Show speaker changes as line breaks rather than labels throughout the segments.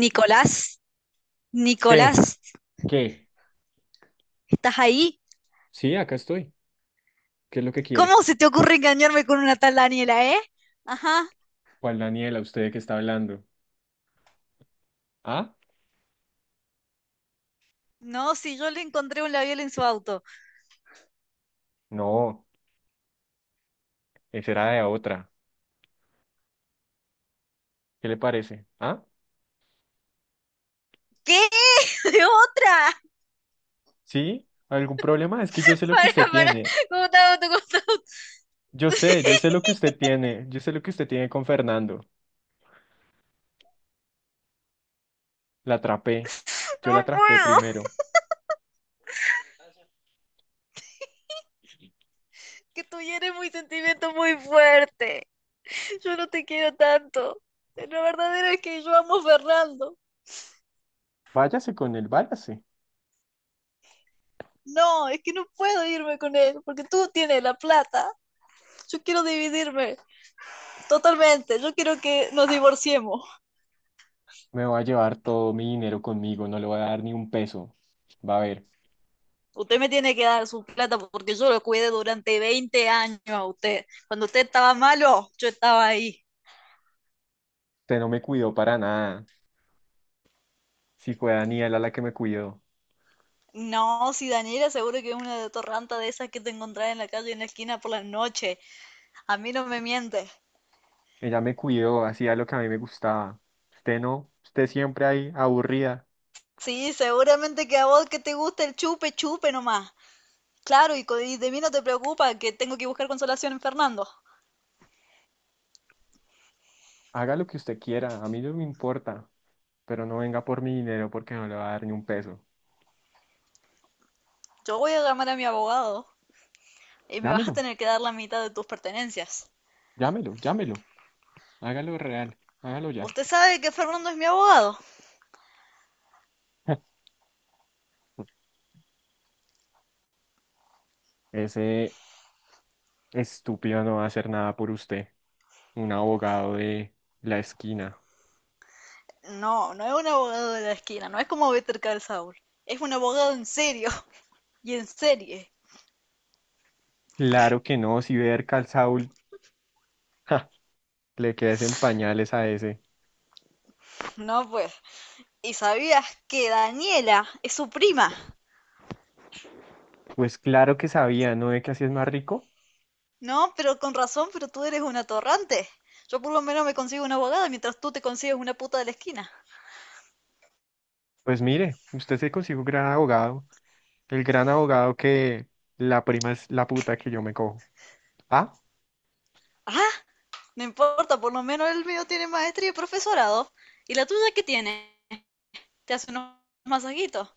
Nicolás, Nicolás,
¿Qué? ¿Qué?
¿estás ahí?
Sí, acá estoy. ¿Qué es lo que quiere?
¿Cómo se te ocurre engañarme con una tal Daniela, eh? Ajá.
¿Cuál Daniela, usted que está hablando? ¿Ah?
No, si yo le encontré un labial en su auto.
No, esa era de otra. ¿Qué le parece? ¿Ah?
¿Qué? ¿De otra?
¿Sí? ¿Algún problema? Es que yo sé lo que usted
Para, para.
tiene.
¿Cómo está auto? ¿Cómo está auto?
Yo sé lo que usted tiene. Yo sé lo que usted tiene con Fernando. La atrapé.
No
Yo la atrapé
puedo.
primero.
Que tú eres muy sentimiento muy fuerte. Yo no te quiero tanto. La verdadera es que yo amo a Fernando.
Váyase con él, váyase.
No, es que no puedo irme con él porque tú tienes la plata. Yo quiero dividirme totalmente. Yo quiero que nos divorciemos.
Me va a llevar todo mi dinero conmigo, no le voy a dar ni un peso. Va a ver,
Usted me tiene que dar su plata porque yo lo cuidé durante 20 años a usted. Cuando usted estaba malo, yo estaba ahí.
usted no me cuidó para nada. Si fue Daniela la que me cuidó.
No, si Daniela seguro que es una de torranta de esas que te encontrás en la calle en la esquina por las noches. A mí no me mientes.
Ella me cuidó, hacía lo que a mí me gustaba. Usted no, usted siempre ahí aburrida.
Sí, seguramente que a vos que te gusta el chupe, chupe nomás. Claro, y, y de mí no te preocupa que tengo que buscar consolación en Fernando.
Haga lo que usted quiera, a mí no me importa, pero no venga por mi dinero porque no le va a dar ni un peso.
Yo voy a llamar a mi abogado y me vas a
Llámelo,
tener que dar la mitad de tus pertenencias.
llámelo, llámelo. Hágalo real, hágalo ya.
Usted sabe que Fernando es mi abogado.
Ese estúpido no va a hacer nada por usted. Un abogado de la esquina.
No, no es un abogado de la esquina, no es como Better Call Saul. Es un abogado en serio y en serie.
Claro que no, si ver Calzaul, le quedes en pañales a ese.
No, pues. ¿Y sabías que Daniela es su prima?
Pues claro que sabía, ¿no ve que así es más rico?
No, pero con razón, pero tú eres un atorrante. Yo por lo menos me consigo una abogada mientras tú te consigues una puta de la esquina.
Pues mire, usted se consigue un gran abogado, el gran abogado que la prima es la puta que yo me cojo. Ah,
Ah, no importa, por lo menos el mío tiene maestría y profesorado. ¿Y la tuya qué tiene? Te hace unos masajitos.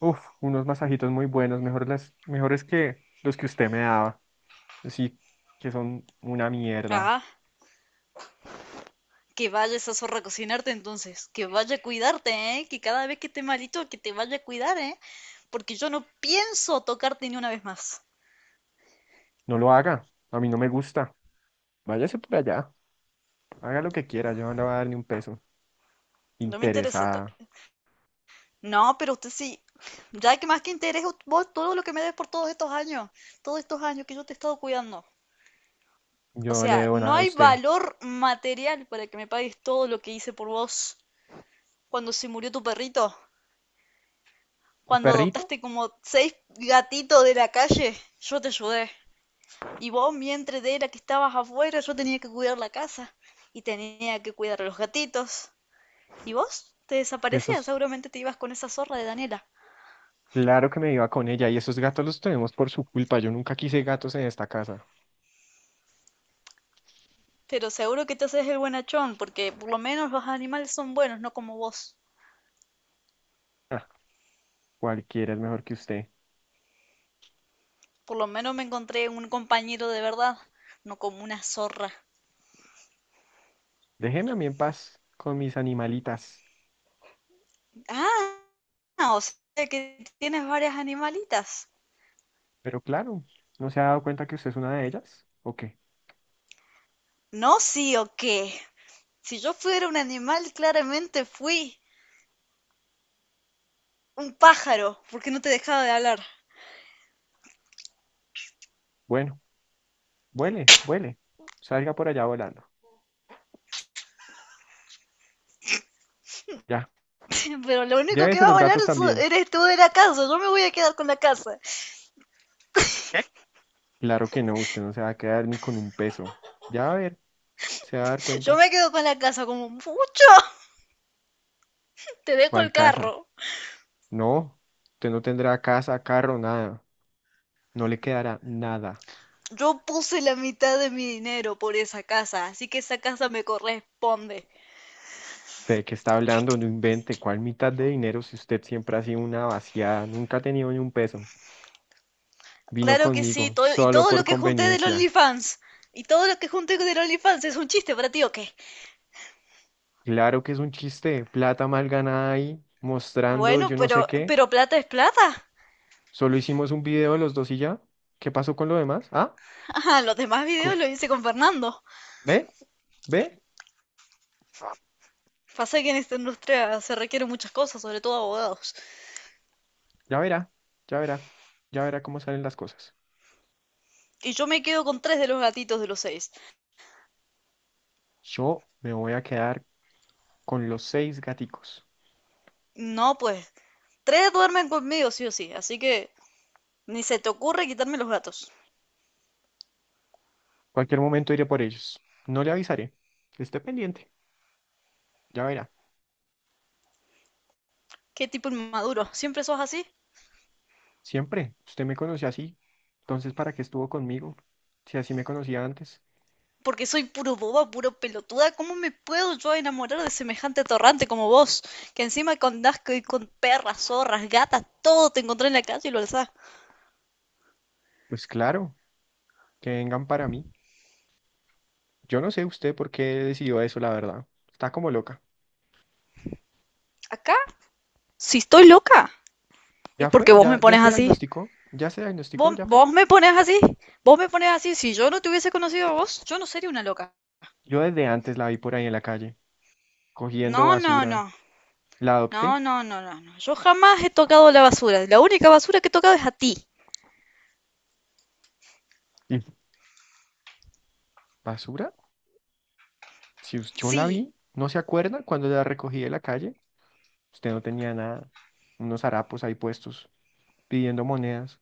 uf, unos masajitos muy buenos, mejor las, mejores que los que usted me daba. Sí, que son una mierda.
Ah, que vaya esa zorra a cocinarte entonces, que vaya a cuidarte, ¿eh? Que cada vez que esté malito, que te vaya a cuidar, ¿eh? Porque yo no pienso tocarte ni una vez más.
No lo haga, a mí no me gusta. Váyase por allá, haga lo que quiera, yo no le voy a dar ni un peso.
No me interesa.
Interesada,
No, pero usted sí, ya que más que interés vos todo lo que me des por todos estos años que yo te he estado cuidando. O
yo no le
sea,
debo nada
no
a
hay
usted.
valor material para que me pagues todo lo que hice por vos cuando se murió tu perrito,
¿Un
cuando
perrito?
adoptaste como seis gatitos de la calle, yo te ayudé. Y vos, mientras de era que estabas afuera, yo tenía que cuidar la casa y tenía que cuidar a los gatitos. ¿Y vos? Te
Y
desaparecías,
esos,
seguramente te ibas con esa zorra de Daniela.
claro que me iba con ella, y esos gatos los tenemos por su culpa, yo nunca quise gatos en esta casa.
Pero seguro que te haces el buenachón, porque por lo menos los animales son buenos, no como vos.
Ah, cualquiera es mejor que usted.
Por lo menos me encontré un compañero de verdad, no como una zorra.
Déjeme a mí en paz con mis animalitas.
Ah, o sea que tienes varias animalitas.
Pero claro, ¿no se ha dado cuenta que usted es una de ellas? ¿O qué?
No, sí o qué. Si yo fuera un animal, claramente fui un pájaro, porque no te dejaba de hablar.
Bueno, vuele, vuele. Salga por allá volando. Ya.
Pero lo único que
Llévese
va a
los
volar
gatos también.
eres tú de la casa. Yo me voy a quedar con la casa.
¿Eh? Claro que no, usted no se va a quedar ni con un peso. Ya va a ver, se va a dar
Yo
cuenta.
me quedo con la casa como mucho. Te dejo el
¿Cuál casa?
carro.
No, usted no tendrá casa, carro, nada. No le quedará nada.
Yo puse la mitad de mi dinero por esa casa, así que esa casa me corresponde.
¿De qué está hablando? No invente. ¿Cuál mitad de dinero si usted siempre ha sido una vaciada? Nunca ha tenido ni un peso. Vino
Claro que sí,
conmigo,
todo, y
solo
todo lo
por
que junté del
conveniencia.
OnlyFans. Y todo lo que junté del OnlyFans es un chiste para ti, ¿o qué?
Claro que es un chiste, plata mal ganada ahí, mostrando yo
Bueno,
no sé
pero,
qué.
pero plata es plata.
Solo hicimos un video los dos y ya. ¿Qué pasó con lo demás? ¿Ah?
Ah, los demás videos
co-
los hice con Fernando.
¿Ve? ¿Ve?
Pasa que en esta industria se requieren muchas cosas, sobre todo abogados.
Ya verá, ya verá, ya verá cómo salen las cosas.
Y yo me quedo con tres de los gatitos de los seis.
Yo me voy a quedar con los 6 gaticos.
No, pues, tres duermen conmigo, sí o sí. Así que ni se te ocurre quitarme los gatos.
Cualquier momento iré por ellos. No le avisaré. Esté pendiente, ya verá.
Qué tipo inmaduro. ¿Siempre sos así?
Siempre, usted me conoció así. Entonces, ¿para qué estuvo conmigo? Si así me conocía antes,
Porque soy puro boba, puro pelotuda. ¿Cómo me puedo yo enamorar de semejante torrante como vos? Que encima con asco y con perras, zorras, gatas, todo te encontré en la calle y lo alzás.
pues claro, que vengan para mí. Yo no sé usted por qué decidió eso, la verdad. Está como loca.
Acá, si estoy loca, es
¿Ya fue?
porque vos me
¿Ya
pones
se
así.
diagnosticó? ¿Ya se diagnosticó?
¿Vos,
¿Ya fue?
vos me pones así. Vos me pones así. Si yo no te hubiese conocido a vos, yo no sería una loca.
Yo desde antes la vi por ahí en la calle, cogiendo
No, no, no.
basura. La
No,
adopté.
no, no, no, no. Yo jamás he tocado la basura. La única basura que he tocado es a ti.
¿Y basura? Si us- Yo la
Sí,
vi, ¿no se acuerda cuando la recogí de la calle? Usted no tenía nada. Unos harapos ahí puestos, pidiendo monedas.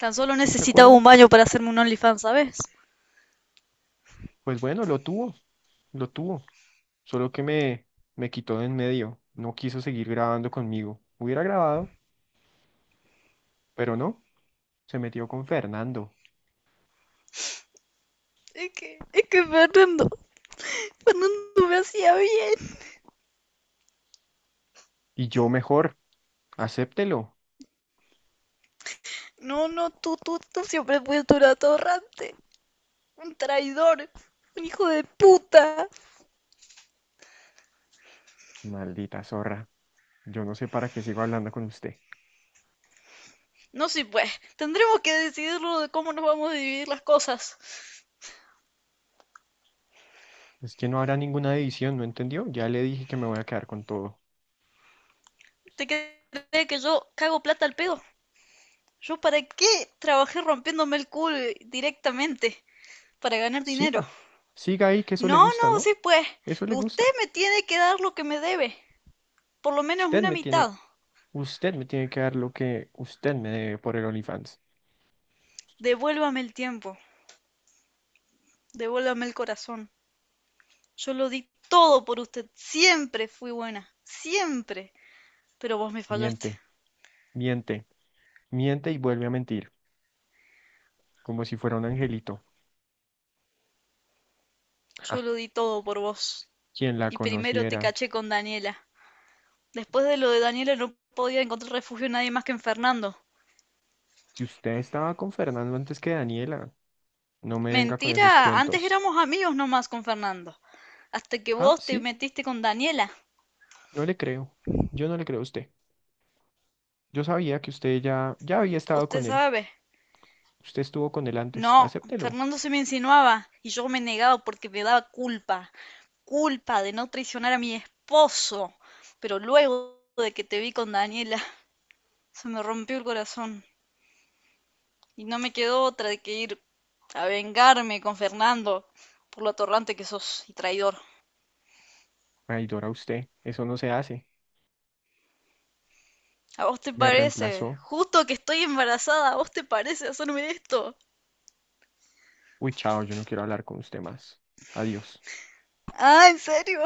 tan solo
¿No se
necesitaba
acuerda?
un baño para hacerme un OnlyFans, ¿sabes?
Pues bueno, lo tuvo, lo tuvo. Solo que me, me quitó de en medio. No quiso seguir grabando conmigo. Hubiera grabado, pero no. Se metió con Fernando.
Es que Fernando, Fernando me hacía bien.
Y yo mejor, acéptelo.
No, no, tú siempre fuiste un atorrante, un traidor, un hijo de puta.
Maldita zorra. Yo no sé para qué sigo hablando con usted.
No sé, pues, tendremos que decidirlo de cómo nos vamos a dividir las cosas.
Es que no habrá ninguna división, ¿no entendió? Ya le dije que me voy a quedar con todo.
¿Te crees que yo cago plata al pedo? ¿Yo para qué trabajé rompiéndome el culo directamente? Para ganar dinero.
Siga, siga ahí, que eso le
No,
gusta,
no,
¿no?
sí pues.
Eso le
Usted
gusta.
me tiene que dar lo que me debe. Por lo menos
Usted
una
me tiene,
mitad.
usted me tiene que dar lo que usted me debe por el OnlyFans.
Devuélvame el tiempo. Devuélvame el corazón. Yo lo di todo por usted. Siempre fui buena. Siempre. Pero vos me fallaste.
Miente, miente, miente y vuelve a mentir, como si fuera un angelito. Ja,
Yo lo di todo por vos.
quien la
Y primero te
conociera.
caché con Daniela. Después de lo de Daniela no podía encontrar refugio nadie más que en Fernando.
Si usted estaba con Fernando antes que Daniela, no me venga con esos
Mentira, antes
cuentos.
éramos amigos nomás con Fernando. Hasta que
Ah,
vos te
sí,
metiste con Daniela.
no le creo. Yo no le creo a usted. Yo sabía que usted ya había estado
Usted
con él.
sabe,
Usted estuvo con él antes.
no,
Acéptelo.
Fernando se me insinuaba y yo me negaba porque me daba culpa, culpa de no traicionar a mi esposo. Pero luego de que te vi con Daniela, se me rompió el corazón y no me quedó otra de que ir a vengarme con Fernando por lo atorrante que sos y traidor.
Traidora usted. Eso no se hace.
¿A vos te
Me
parece?
reemplazó.
Justo que estoy embarazada, ¿a vos te parece hacerme esto?
Uy, chao, yo no quiero hablar con usted más. Adiós.
Ah, ¿en serio?